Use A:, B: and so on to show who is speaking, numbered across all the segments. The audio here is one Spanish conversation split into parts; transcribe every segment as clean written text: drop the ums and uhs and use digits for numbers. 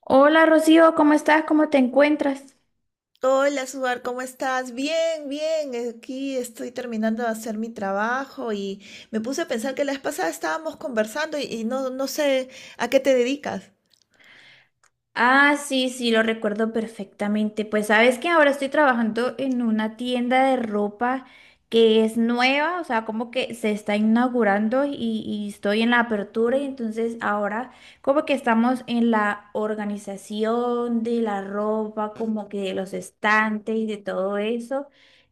A: Hola Rocío, ¿cómo estás? ¿Cómo te encuentras?
B: Hola, Suar, ¿cómo estás? Bien, bien. Aquí estoy terminando de hacer mi trabajo y me puse a pensar que la vez pasada estábamos conversando y no sé a qué te dedicas.
A: Ah, sí, sí, lo recuerdo perfectamente. Pues sabes que ahora estoy trabajando en una tienda de ropa que es nueva, o sea, como que se está inaugurando y estoy en la apertura y entonces ahora como que estamos en la organización de la ropa, como que de los estantes y de todo eso.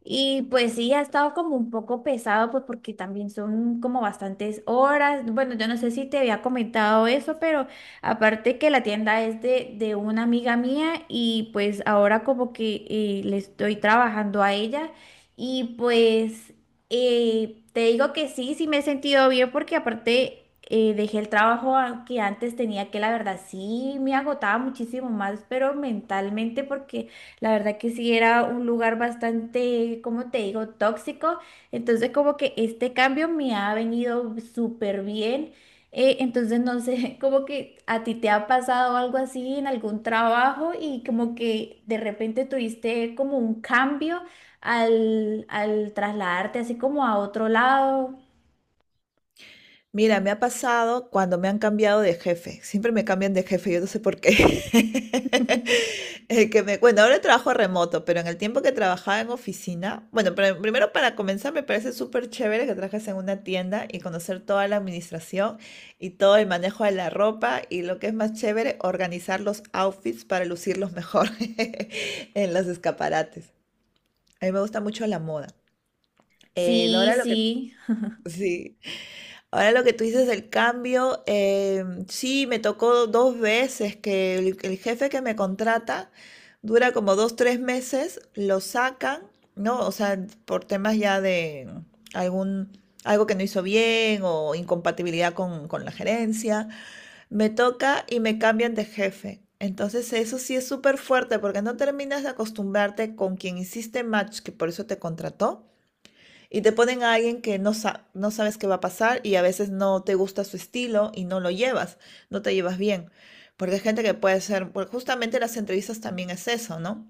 A: Y pues sí, ha estado como un poco pesado, pues porque también son como bastantes horas. Bueno, yo no sé si te había comentado eso, pero... Aparte que la tienda es de una amiga mía y pues ahora como que le estoy trabajando a ella y pues te digo que sí, sí me he sentido bien porque aparte dejé el trabajo que antes tenía que la verdad sí me agotaba muchísimo más, pero mentalmente porque la verdad que sí era un lugar bastante, como te digo, tóxico. Entonces como que este cambio me ha venido súper bien. Entonces, no sé, como que a ti te ha pasado algo así en algún trabajo y como que de repente tuviste como un cambio al trasladarte así como a otro lado.
B: Mira, me ha pasado cuando me han cambiado de jefe. Siempre me cambian de jefe, yo no sé por qué. El que me, bueno, ahora trabajo remoto, pero en el tiempo que trabajaba en oficina, bueno, pero primero para comenzar me parece súper chévere que trabajes en una tienda y conocer toda la administración y todo el manejo de la ropa y lo que es más chévere, organizar los outfits para lucirlos mejor en los escaparates. A mí me gusta mucho la moda.
A: Sí,
B: Ahora lo que...
A: sí.
B: Sí. Ahora lo que tú dices del cambio, sí, me tocó dos veces que el jefe que me contrata dura como dos, tres meses, lo sacan, ¿no? O sea, por temas ya de algún, algo que no hizo bien o incompatibilidad con la gerencia, me toca y me cambian de jefe. Entonces eso sí es súper fuerte porque no terminas de acostumbrarte con quien hiciste match, que por eso te contrató y te ponen a alguien que no, no sabes qué va a pasar y a veces no te gusta su estilo y no lo llevas, no te llevas bien. Porque hay gente que puede ser, porque justamente las entrevistas también es eso, ¿no?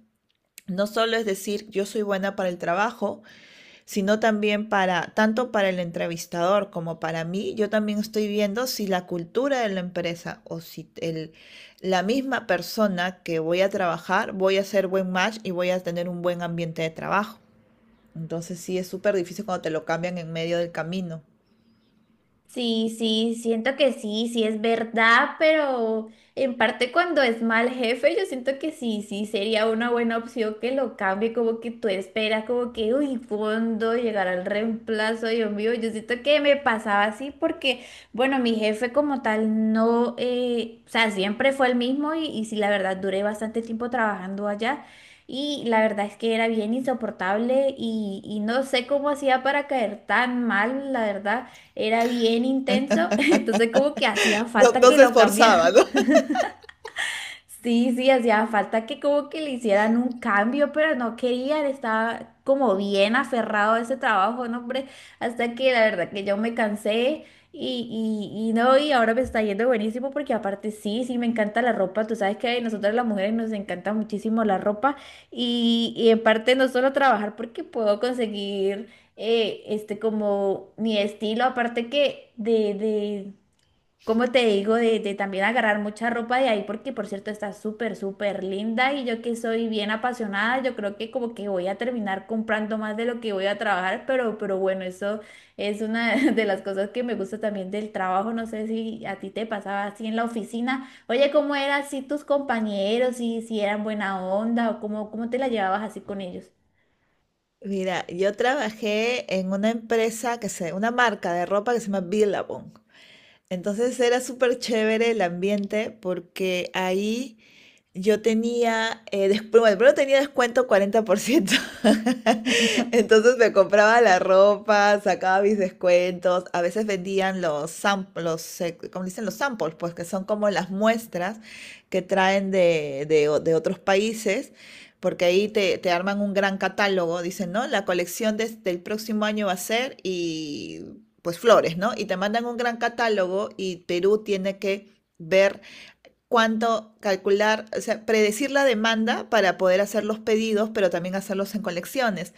B: No solo es decir yo soy buena para el trabajo, sino también para, tanto para el entrevistador como para mí, yo también estoy viendo si la cultura de la empresa o si el, la misma persona que voy a trabajar, voy a hacer buen match y voy a tener un buen ambiente de trabajo. Entonces sí es súper difícil cuando te lo cambian en medio del camino.
A: Sí, sí, siento que sí, sí es verdad, pero en parte cuando es mal jefe, yo siento que sí, sí sería una buena opción que lo cambie, como que tú esperas, como que, uy, ¿cuándo llegará el reemplazo? Dios mío, yo siento que me pasaba así porque, bueno, mi jefe como tal no, o sea, siempre fue el mismo y sí, la verdad, duré bastante tiempo trabajando allá. Y la verdad es que era bien insoportable y no sé cómo hacía para caer tan mal, la verdad era bien intenso, entonces como que hacía
B: No,
A: falta
B: no
A: que
B: se
A: lo
B: esforzaba,
A: cambiaran.
B: ¿no?
A: Sí, sí, hacía falta que como que le hicieran un cambio, pero no querían, estaba como bien aferrado a ese trabajo, ¿no, hombre? Hasta que la verdad que yo me cansé y no, y ahora me está yendo buenísimo porque aparte sí, sí, me encanta la ropa, tú sabes que a nosotras las mujeres nos encanta muchísimo la ropa y en parte no solo trabajar porque puedo conseguir este como mi estilo, aparte que de como te digo, de también agarrar mucha ropa de ahí, porque por cierto está súper, súper linda y yo que soy bien apasionada, yo creo que como que voy a terminar comprando más de lo que voy a trabajar, pero bueno, eso es una de las cosas que me gusta también del trabajo, no sé si a ti te pasaba así en la oficina, oye, ¿cómo eran así tus compañeros? Si eran buena onda o cómo te la llevabas así con ellos.
B: Mira, yo trabajé en una empresa que se, una marca de ropa que se llama Billabong. Entonces era súper chévere el ambiente porque ahí yo tenía, después, bueno, primero tenía descuento 40%. Entonces me compraba la ropa, sacaba mis descuentos. A veces vendían los samples, como dicen los samples, pues que son como las muestras que traen de otros países, porque ahí te arman un gran catálogo. Dicen, ¿no? La colección del próximo año va a ser y pues flores, ¿no? Y te mandan un gran catálogo y Perú tiene que ver cuánto calcular, o sea, predecir la demanda para poder hacer los pedidos, pero también hacerlos en colecciones.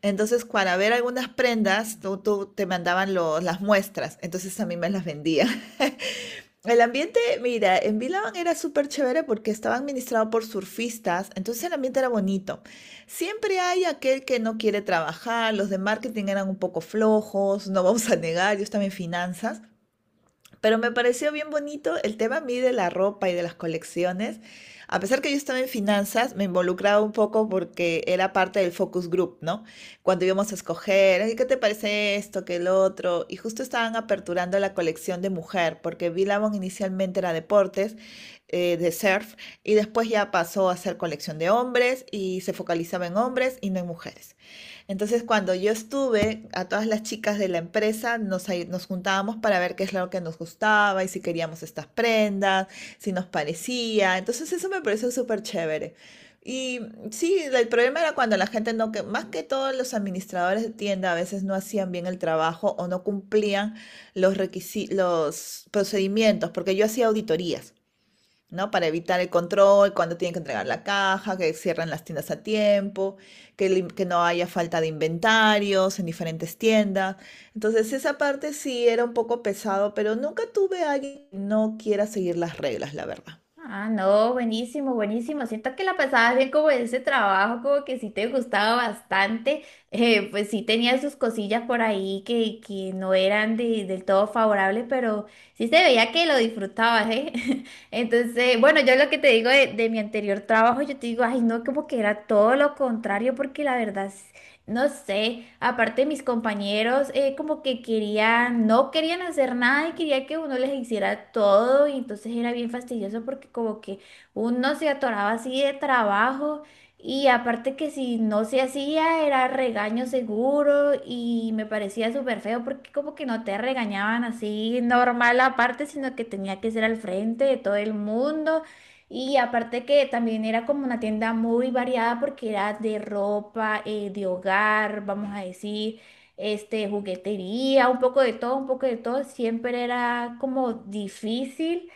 B: Entonces, para ver algunas prendas, tú te mandaban las muestras, entonces a mí me las vendía. El ambiente, mira, en Vilaban era súper chévere porque estaba administrado por surfistas, entonces el ambiente era bonito. Siempre hay aquel que no quiere trabajar, los de marketing eran un poco flojos, no vamos a negar, yo estaba en finanzas. Pero me pareció bien bonito el tema a mí de la ropa y de las colecciones. A pesar que yo estaba en finanzas, me involucraba un poco porque era parte del focus group, ¿no? Cuando íbamos a escoger, "Ay, ¿qué te parece esto, qué el otro?". Y justo estaban aperturando la colección de mujer, porque Billabong inicialmente era deportes, de surf, y después ya pasó a ser colección de hombres y se focalizaba en hombres y no en mujeres. Entonces, cuando yo estuve, a todas las chicas de la empresa nos juntábamos para ver qué es lo que nos gustaba y si queríamos estas prendas, si nos parecía. Entonces, eso me pareció súper chévere. Y sí, el problema era cuando la gente no, que más que todos los administradores de tienda a veces no hacían bien el trabajo o no cumplían los requisitos, los procedimientos, porque yo hacía auditorías. ¿No? Para evitar el control, cuando tienen que entregar la caja, que cierren las tiendas a tiempo, que, que no haya falta de inventarios en diferentes tiendas. Entonces, esa parte sí era un poco pesado, pero nunca tuve a alguien que no quiera seguir las reglas, la verdad.
A: Ah, no, buenísimo, buenísimo. Siento que la pasabas bien como en ese trabajo, como que sí te gustaba bastante. Pues sí tenía sus cosillas por ahí que no eran del todo favorables, pero sí se veía que lo disfrutabas, ¿eh? Entonces, bueno, yo lo que te digo de mi anterior trabajo, yo te digo, ay, no, como que era todo lo contrario, porque la verdad no sé, aparte mis compañeros como que querían, no querían hacer nada y quería que uno les hiciera todo y entonces era bien fastidioso porque como que uno se atoraba así de trabajo y aparte que si no se hacía era regaño seguro y me parecía súper feo porque como que no te regañaban así normal aparte, sino que tenía que ser al frente de todo el mundo y aparte que también era como una tienda muy variada porque era de ropa, de hogar, vamos a decir, este, juguetería, un poco de todo, un poco de todo. Siempre era como difícil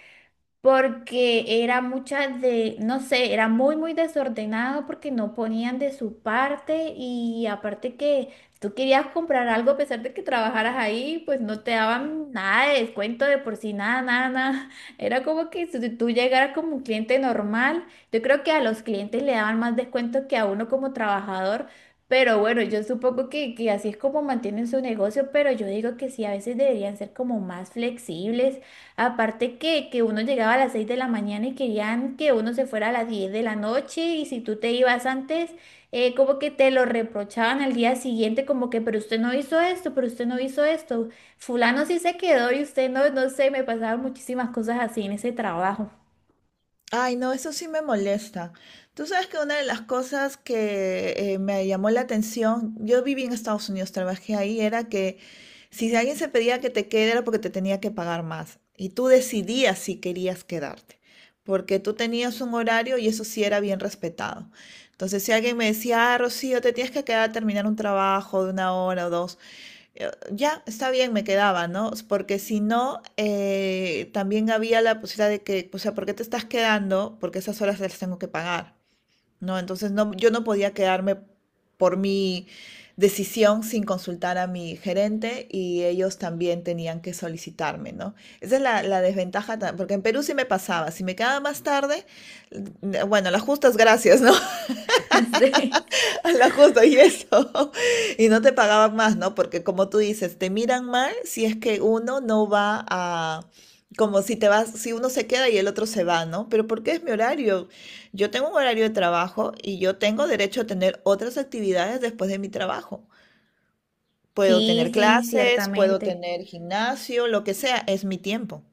A: porque era muchas de, no sé, era muy, muy desordenado porque no ponían de su parte y aparte que tú querías comprar algo a pesar de que trabajaras ahí, pues no te daban nada de descuento de por sí, nada, nada, nada. Era como que si tú llegaras como un cliente normal, yo creo que a los clientes le daban más descuento que a uno como trabajador. Pero bueno, yo supongo que así es como mantienen su negocio, pero yo digo que sí, a veces deberían ser como más flexibles. Aparte que uno llegaba a las 6 de la mañana y querían que uno se fuera a las 10 de la noche y si tú te ibas antes, como que te lo reprochaban al día siguiente, como que, pero usted no hizo esto, pero usted no hizo esto, fulano sí se quedó y usted no, no sé, me pasaban muchísimas cosas así en ese trabajo.
B: Ay, no, eso sí me molesta. Tú sabes que una de las cosas que me llamó la atención, yo viví en Estados Unidos, trabajé ahí, era que si alguien se pedía que te quede era porque te tenía que pagar más y tú decidías si querías quedarte, porque tú tenías un horario y eso sí era bien respetado. Entonces, si alguien me decía, ah, Rocío, te tienes que quedar a terminar un trabajo de una hora o dos, ya, está bien, me quedaba, ¿no? Porque si no, también había la posibilidad de que, o sea, ¿por qué te estás quedando? Porque esas horas las tengo que pagar, ¿no? Entonces no, yo no podía quedarme por mi decisión sin consultar a mi gerente y ellos también tenían que solicitarme, ¿no? Esa es la desventaja, porque en Perú sí me pasaba, si me quedaba más tarde, bueno, las justas gracias, ¿no?
A: Sí.
B: A la justo, y eso. Y no te pagaban más, ¿no? Porque como tú dices, te miran mal si es que uno no va a, como si te vas, si uno se queda y el otro se va, ¿no? Pero porque es mi horario. Yo tengo un horario de trabajo y yo tengo derecho a tener otras actividades después de mi trabajo. Puedo tener
A: Sí, sí,
B: clases, puedo
A: ciertamente.
B: tener gimnasio, lo que sea, es mi tiempo.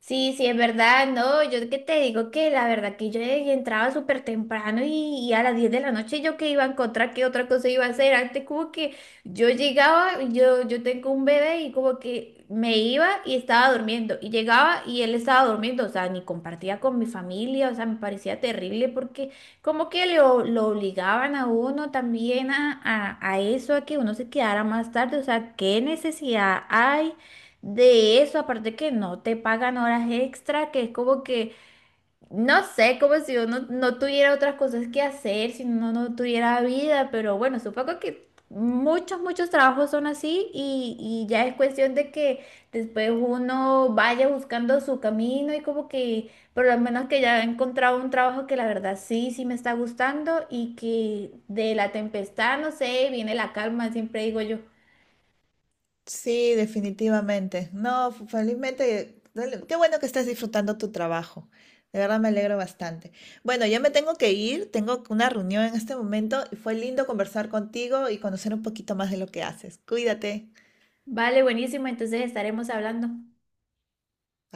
A: Sí, sí, es verdad, no, yo que te digo que la verdad que yo entraba súper temprano y a las 10 de la noche yo que iba a encontrar qué otra cosa iba a hacer. Antes como que yo llegaba, yo tengo un bebé y como que me iba y estaba durmiendo y llegaba y él estaba durmiendo, o sea, ni compartía con mi familia, o sea, me parecía terrible porque como que lo obligaban a uno también a eso, a que uno se quedara más tarde, o sea, ¿qué necesidad hay? De eso, aparte que no te pagan horas extra, que es como que, no sé, como si uno no tuviera otras cosas que hacer, si uno no tuviera vida, pero bueno, supongo que muchos, muchos trabajos son así y ya es cuestión de que después uno vaya buscando su camino y como que por lo menos que ya he encontrado un trabajo que la verdad sí, sí me está gustando y que de la tempestad, no sé, viene la calma, siempre digo yo.
B: Sí, definitivamente. No, felizmente, qué bueno que estés disfrutando tu trabajo. De verdad me alegro bastante. Bueno, yo me tengo que ir, tengo una reunión en este momento y fue lindo conversar contigo y conocer un poquito más de lo que haces. Cuídate.
A: Vale, buenísimo, entonces estaremos hablando.